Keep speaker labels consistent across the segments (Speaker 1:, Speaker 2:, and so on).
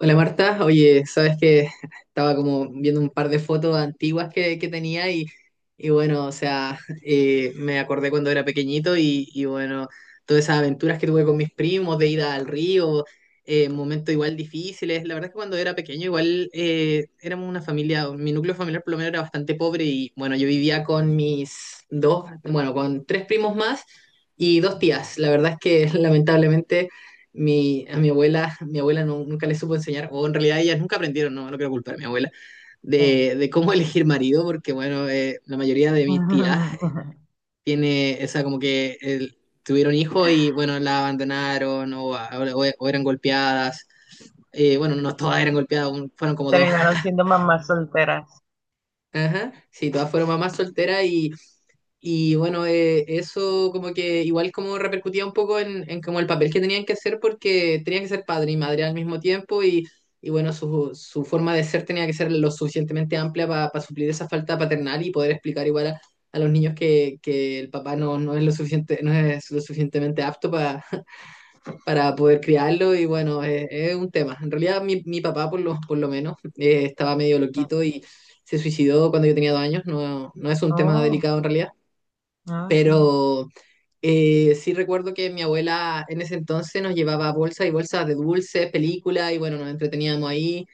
Speaker 1: Hola Marta, oye, sabes que estaba como viendo un par de fotos antiguas que tenía y bueno, o sea, me acordé cuando era pequeñito y bueno, todas esas aventuras que tuve con mis primos de ida al río, momentos igual difíciles. La verdad es que cuando era pequeño igual éramos una familia, mi núcleo familiar por lo menos era bastante pobre y bueno, yo vivía con mis dos, bueno, con tres primos más y dos tías. La verdad es que lamentablemente. A mi abuela, mi abuela nunca le supo enseñar, o en realidad ellas nunca aprendieron, no quiero culpar a mi abuela,
Speaker 2: Sí.
Speaker 1: de cómo elegir marido, porque bueno, la mayoría de mis tías tiene esa como que tuvieron hijos y bueno, la abandonaron o eran golpeadas. Bueno, no todas eran golpeadas, fueron como dos.
Speaker 2: Terminaron siendo mamás solteras.
Speaker 1: Ajá. Sí, todas fueron mamás solteras y bueno, eso como que igual como repercutía un poco en como el papel que tenían que hacer porque tenían que ser padre y madre al mismo tiempo y bueno, su forma de ser tenía que ser lo suficientemente amplia para suplir esa falta paternal y poder explicar igual a los niños que el papá no es lo suficiente, no es lo suficientemente apto para poder criarlo y bueno, es un tema. En realidad mi papá por lo, por lo menos estaba medio
Speaker 2: Sí.
Speaker 1: loquito y se suicidó cuando yo tenía 2 años, no es un tema
Speaker 2: Oh,
Speaker 1: delicado en realidad
Speaker 2: ajá.
Speaker 1: pero sí recuerdo que mi abuela en ese entonces nos llevaba bolsas y bolsas de dulces, películas, y bueno, nos entreteníamos ahí.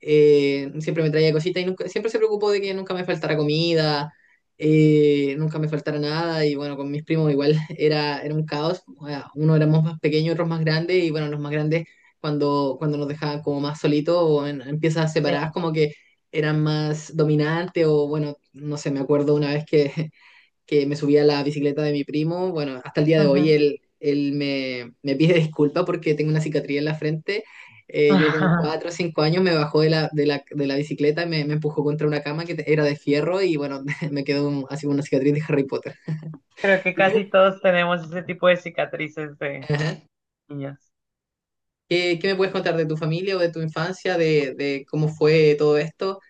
Speaker 1: Siempre me traía cositas y nunca, siempre se preocupó de que nunca me faltara comida, nunca me faltara nada. Y bueno, con mis primos igual era un caos. O sea, uno éramos más pequeños, otros más grandes, y bueno, los más grandes cuando nos dejaban como más solitos o en piezas
Speaker 2: Sí.
Speaker 1: separadas, como que eran más dominantes o bueno, no sé, me acuerdo una vez que me subí a la bicicleta de mi primo. Bueno, hasta el día de hoy
Speaker 2: Ujú.
Speaker 1: él me pide disculpa porque tengo una cicatriz en la frente. Yo con 4 o 5 años me bajó de la bicicleta y me empujó contra una cama que era de fierro y bueno, me quedó así como una cicatriz de Harry Potter.
Speaker 2: Creo que
Speaker 1: ¿Y tú?
Speaker 2: casi todos tenemos ese tipo de cicatrices de
Speaker 1: Ajá.
Speaker 2: niños.
Speaker 1: ¿Qué me puedes contar de tu familia o de tu infancia, de cómo fue todo esto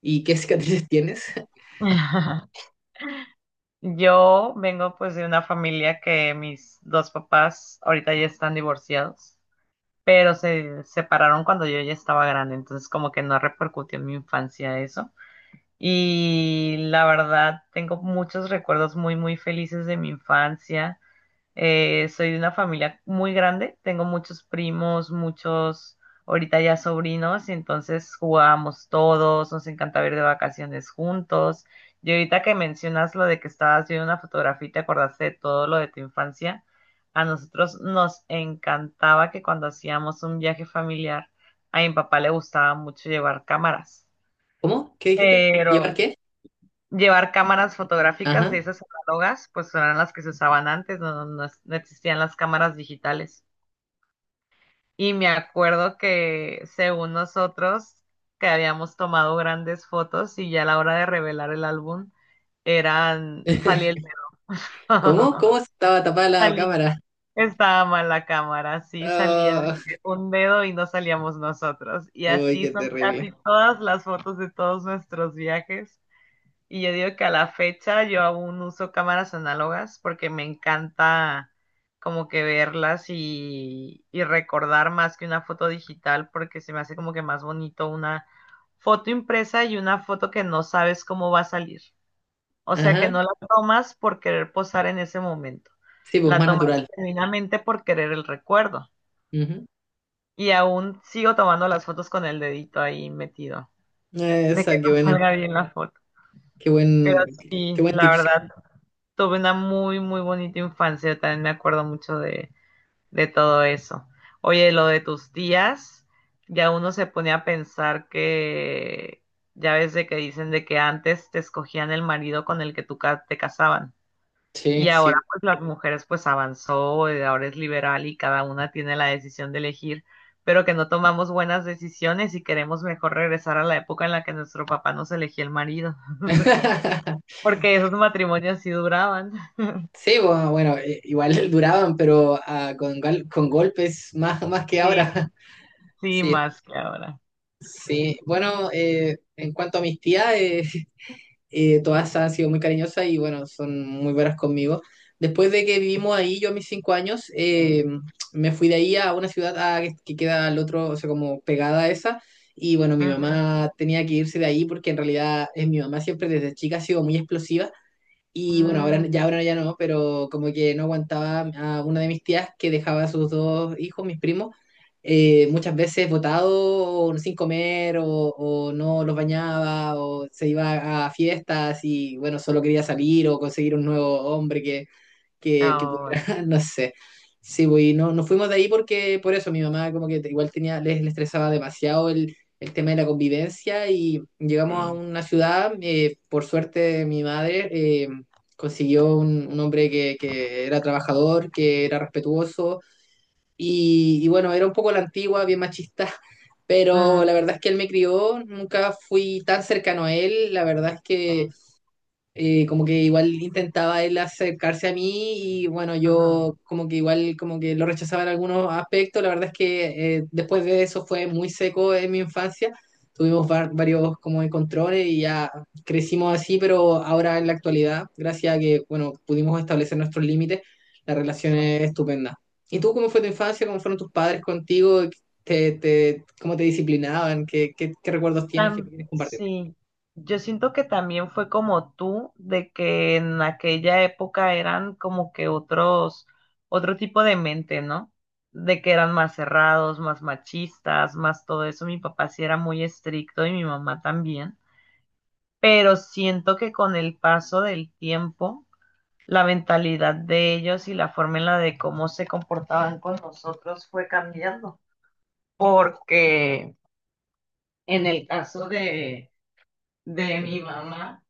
Speaker 1: y qué cicatrices tienes?
Speaker 2: Yo vengo pues de una familia que mis dos papás ahorita ya están divorciados, pero se separaron cuando yo ya estaba grande, entonces como que no repercutió en mi infancia eso. Y la verdad, tengo muchos recuerdos muy, muy felices de mi infancia. Soy de una familia muy grande, tengo muchos primos, muchos ahorita ya sobrinos, y entonces jugábamos todos, nos encantaba ir de vacaciones juntos. Y ahorita que mencionas lo de que estabas viendo una fotografía y te acordaste de todo lo de tu infancia, a nosotros nos encantaba que cuando hacíamos un viaje familiar, a mi papá le gustaba mucho llevar cámaras,
Speaker 1: ¿Cómo? ¿Qué dijiste? ¿Llevar
Speaker 2: pero
Speaker 1: qué?
Speaker 2: llevar cámaras fotográficas de
Speaker 1: Ajá.
Speaker 2: esas análogas, pues eran las que se usaban antes, no, no existían las cámaras digitales. Y me acuerdo que según nosotros, que habíamos tomado grandes fotos y ya a la hora de revelar el álbum, eran, salía el...
Speaker 1: ¿Cómo? ¿Cómo estaba tapada la
Speaker 2: salí-
Speaker 1: cámara?
Speaker 2: Estaba mal la cámara, sí, salía
Speaker 1: Ah,
Speaker 2: un dedo y no salíamos nosotros. Y
Speaker 1: uy,
Speaker 2: así
Speaker 1: qué
Speaker 2: son
Speaker 1: terrible.
Speaker 2: casi todas las fotos de todos nuestros viajes. Y yo digo que a la fecha yo aún uso cámaras análogas porque me encanta como que verlas y recordar más que una foto digital porque se me hace como que más bonito una foto impresa y una foto que no sabes cómo va a salir. O sea que
Speaker 1: Ajá.
Speaker 2: no la tomas por querer posar en ese momento,
Speaker 1: Sí, pues
Speaker 2: la
Speaker 1: más
Speaker 2: tomas
Speaker 1: natural.
Speaker 2: genuinamente por querer el recuerdo.
Speaker 1: Ujú.
Speaker 2: Y aún sigo tomando las fotos con el dedito ahí metido, de que
Speaker 1: Esa, qué
Speaker 2: no
Speaker 1: buena.
Speaker 2: salga bien la foto.
Speaker 1: Qué
Speaker 2: Pero
Speaker 1: buen, qué
Speaker 2: sí,
Speaker 1: buen
Speaker 2: la
Speaker 1: tips.
Speaker 2: verdad tuve una muy, muy bonita infancia. También me acuerdo mucho de todo eso. Oye, lo de tus tías, ya uno se pone a pensar que, ya ves de que dicen de que antes te escogían el marido con el que te casaban. Y
Speaker 1: Sí,
Speaker 2: ahora
Speaker 1: sí.
Speaker 2: pues las mujeres pues avanzó, ahora es liberal y cada una tiene la decisión de elegir, pero que no tomamos buenas decisiones y queremos mejor regresar a la época en la que nuestro papá nos elegía el marido, porque esos matrimonios sí duraban.
Speaker 1: Sí, bueno, bueno, igual duraban, pero ah, con golpes más, más que
Speaker 2: Sí,
Speaker 1: ahora.
Speaker 2: sí,
Speaker 1: Sí,
Speaker 2: más que ahora.
Speaker 1: sí. Bueno, en cuanto a mis tías, todas han sido muy cariñosas y bueno, son muy buenas conmigo. Después de que vivimos ahí, yo a mis 5 años,
Speaker 2: Sí.
Speaker 1: me fui de ahí a una ciudad ah, que queda al otro, o sea, como pegada a esa. Y bueno, mi
Speaker 2: Ujú.
Speaker 1: mamá tenía que irse de ahí porque en realidad mi mamá siempre desde chica ha sido muy explosiva y bueno, ahora
Speaker 2: Mm,
Speaker 1: ya, ahora ya no, pero como que no aguantaba a una de mis tías que dejaba a sus dos hijos, mis primos, muchas veces botados sin comer o no los bañaba o se iba a fiestas y bueno, solo quería salir o conseguir un nuevo hombre que pudiera,
Speaker 2: ahora,
Speaker 1: no sé. Sí, pues, y no, nos fuimos de ahí porque por eso mi mamá como que igual tenía, les estresaba demasiado el tema de la convivencia y llegamos a
Speaker 2: sí.
Speaker 1: una ciudad, por suerte mi madre consiguió un hombre que era trabajador, que era respetuoso y bueno, era un poco a la antigua, bien machista, pero la
Speaker 2: Mm,
Speaker 1: verdad es que él me crió, nunca fui tan cercano a él, la verdad es
Speaker 2: sí.
Speaker 1: que como que igual intentaba él acercarse a mí y bueno,
Speaker 2: Ujú,
Speaker 1: yo como que igual como que lo rechazaba en algunos aspectos. La verdad es que después de eso fue muy seco en mi infancia. Tuvimos varios como encontrones y ya crecimos así, pero ahora en la actualidad, gracias a que, bueno, pudimos establecer nuestros límites, la relación
Speaker 2: sí.
Speaker 1: es estupenda. ¿Y tú cómo fue tu infancia? ¿Cómo fueron tus padres contigo? ¿Cómo te disciplinaban? ¿Qué recuerdos tienes que quieres compartir?
Speaker 2: Sí. Yo siento que también fue como tú, de que en aquella época eran como que otros, otro tipo de mente, ¿no? De que eran más cerrados, más machistas, más todo eso. Mi papá sí era muy estricto y mi mamá también. Pero siento que con el paso del tiempo la mentalidad de ellos y la forma en la de cómo se comportaban con nosotros fue cambiando. Porque en el caso de mi mamá,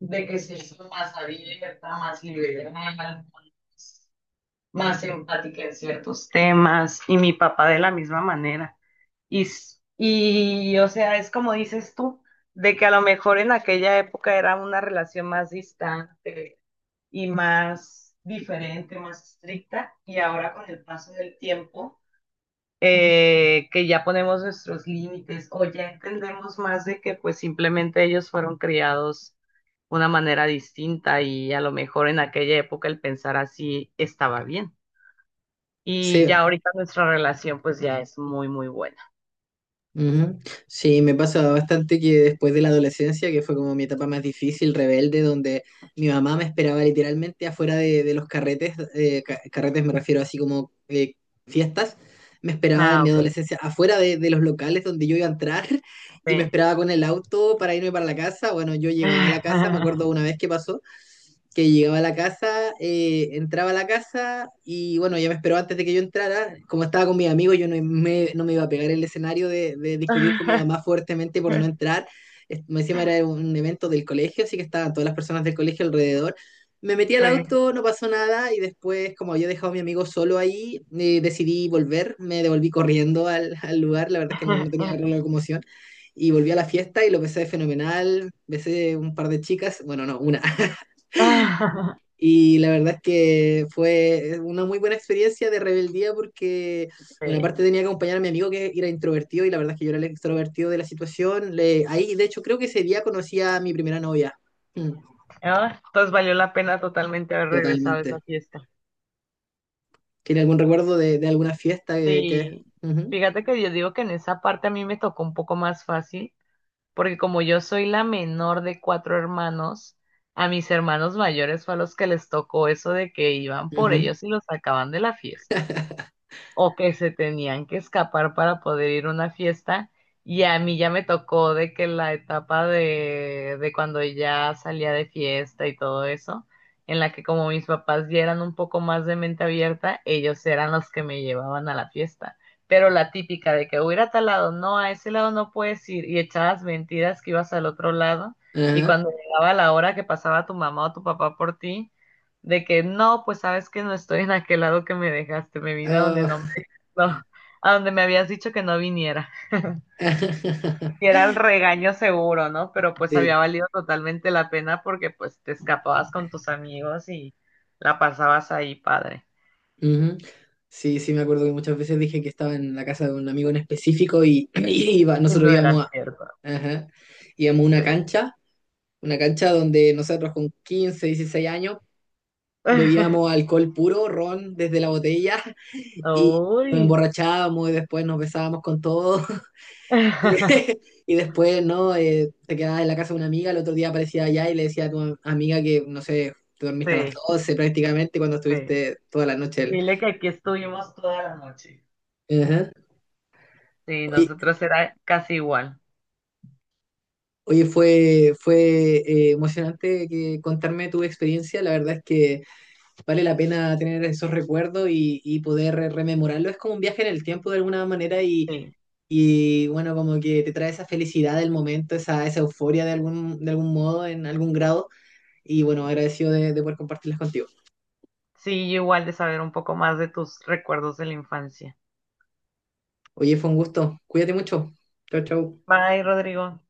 Speaker 2: de que se hizo más abierta, más liberal, más empática en ciertos temas, y mi papá de la misma manera. Y, y o sea, es como dices tú, de que a lo mejor en aquella época era una relación más distante, y más diferente, más estricta. Y ahora con el paso del tiempo, que ya ponemos nuestros límites o ya entendemos más de que pues simplemente ellos fueron criados de una manera distinta y a lo mejor en aquella época el pensar así estaba bien. Y
Speaker 1: Sí.
Speaker 2: ya ahorita nuestra relación pues ya es muy, muy buena.
Speaker 1: Ujú. Sí, me pasa bastante que después de la adolescencia, que fue como mi etapa más difícil, rebelde, donde mi mamá me esperaba literalmente afuera de los carretes, carretes me refiero así como fiestas, me esperaba en
Speaker 2: Ah,
Speaker 1: mi
Speaker 2: ok.
Speaker 1: adolescencia afuera de los locales donde yo iba a entrar y me
Speaker 2: Sí.
Speaker 1: esperaba con el auto para irme para la casa. Bueno, yo llegaba a la casa, me acuerdo una vez que pasó que llegaba a la casa, entraba a la casa y bueno, ya me esperó antes de que yo entrara. Como estaba con mis amigos, yo no me iba a pegar el escenario de discutir con mi mamá fuertemente por no entrar. Me encima era un evento del colegio, así que estaban todas las personas del colegio alrededor. Me metí al
Speaker 2: Sí.
Speaker 1: auto, no pasó nada y después, como había dejado a mi amigo solo ahí, decidí volver, me devolví corriendo al lugar, la verdad es que no tenía la locomoción. Y volví a la fiesta y lo pasé fenomenal, besé un par de chicas, bueno, no, una. Y la verdad es que fue una muy buena experiencia de rebeldía porque, bueno,
Speaker 2: Sí.
Speaker 1: aparte tenía que acompañar a mi amigo que era introvertido y la verdad es que yo era el extrovertido de la situación. Ahí, de hecho, creo que ese día conocí a mi primera novia. Mm,
Speaker 2: Ah, entonces valió la pena totalmente haber regresado a esa
Speaker 1: totalmente.
Speaker 2: fiesta.
Speaker 1: ¿Tiene algún recuerdo de alguna fiesta que?
Speaker 2: Sí,
Speaker 1: Ujú,
Speaker 2: fíjate que yo digo que en esa parte a mí me tocó un poco más fácil, porque como yo soy la menor de cuatro hermanos, a mis hermanos mayores fue a los que les tocó eso de que iban por
Speaker 1: ujú,
Speaker 2: ellos y los sacaban de la fiesta. O que se tenían que escapar para poder ir a una fiesta. Y a mí ya me tocó de que la etapa de cuando ya salía de fiesta y todo eso, en la que como mis papás ya eran un poco más de mente abierta, ellos eran los que me llevaban a la fiesta. Pero la típica de que voy a ir a tal lado, no, a ese lado no puedes ir, y echabas mentiras que ibas al otro lado, y
Speaker 1: ajá,
Speaker 2: cuando llegaba la hora que pasaba tu mamá o tu papá por ti, de que no, pues sabes que no estoy en aquel lado que me dejaste, me vine a donde
Speaker 1: ah,
Speaker 2: no no, a donde me habías dicho que no viniera, que era el regaño seguro, ¿no? Pero pues
Speaker 1: Sí.
Speaker 2: había valido totalmente la pena porque pues te escapabas con tus amigos y la pasabas ahí, padre.
Speaker 1: Ujú. Sí, sí, me acuerdo que muchas veces dije que estaba en la casa de un amigo en específico y, y
Speaker 2: Y
Speaker 1: nosotros
Speaker 2: no
Speaker 1: íbamos a,
Speaker 2: era cierto,
Speaker 1: ajá, íbamos a una
Speaker 2: sí.
Speaker 1: cancha. Una cancha donde nosotros con 15 o 16 años bebíamos alcohol puro, ron desde la botella y nos
Speaker 2: Uy.
Speaker 1: emborrachábamos y después nos besábamos con todo. Y después, ¿no? Te quedabas en la casa de una amiga, el otro día aparecía allá y le decía a tu amiga que, no sé, te dormiste a las
Speaker 2: Sí,
Speaker 1: 12 prácticamente cuando
Speaker 2: sí.
Speaker 1: estuviste toda la noche.
Speaker 2: Dile que aquí estuvimos toda la noche.
Speaker 1: Ajá.
Speaker 2: Sí,
Speaker 1: Oye,
Speaker 2: nosotros era casi igual.
Speaker 1: oye, fue emocionante que contarme tu experiencia. La verdad es que vale la pena tener esos recuerdos y poder rememorarlo. Es como un viaje en el tiempo de alguna manera y,
Speaker 2: Sí,
Speaker 1: y, bueno, como que te trae esa felicidad del momento, esa euforia de algún modo, en algún grado. Y bueno, agradecido de poder compartirlas contigo.
Speaker 2: sí, igual de saber un poco más de tus recuerdos de la infancia.
Speaker 1: Oye, fue un gusto. Cuídate mucho. Chau, chau.
Speaker 2: Bye, Rodrigo.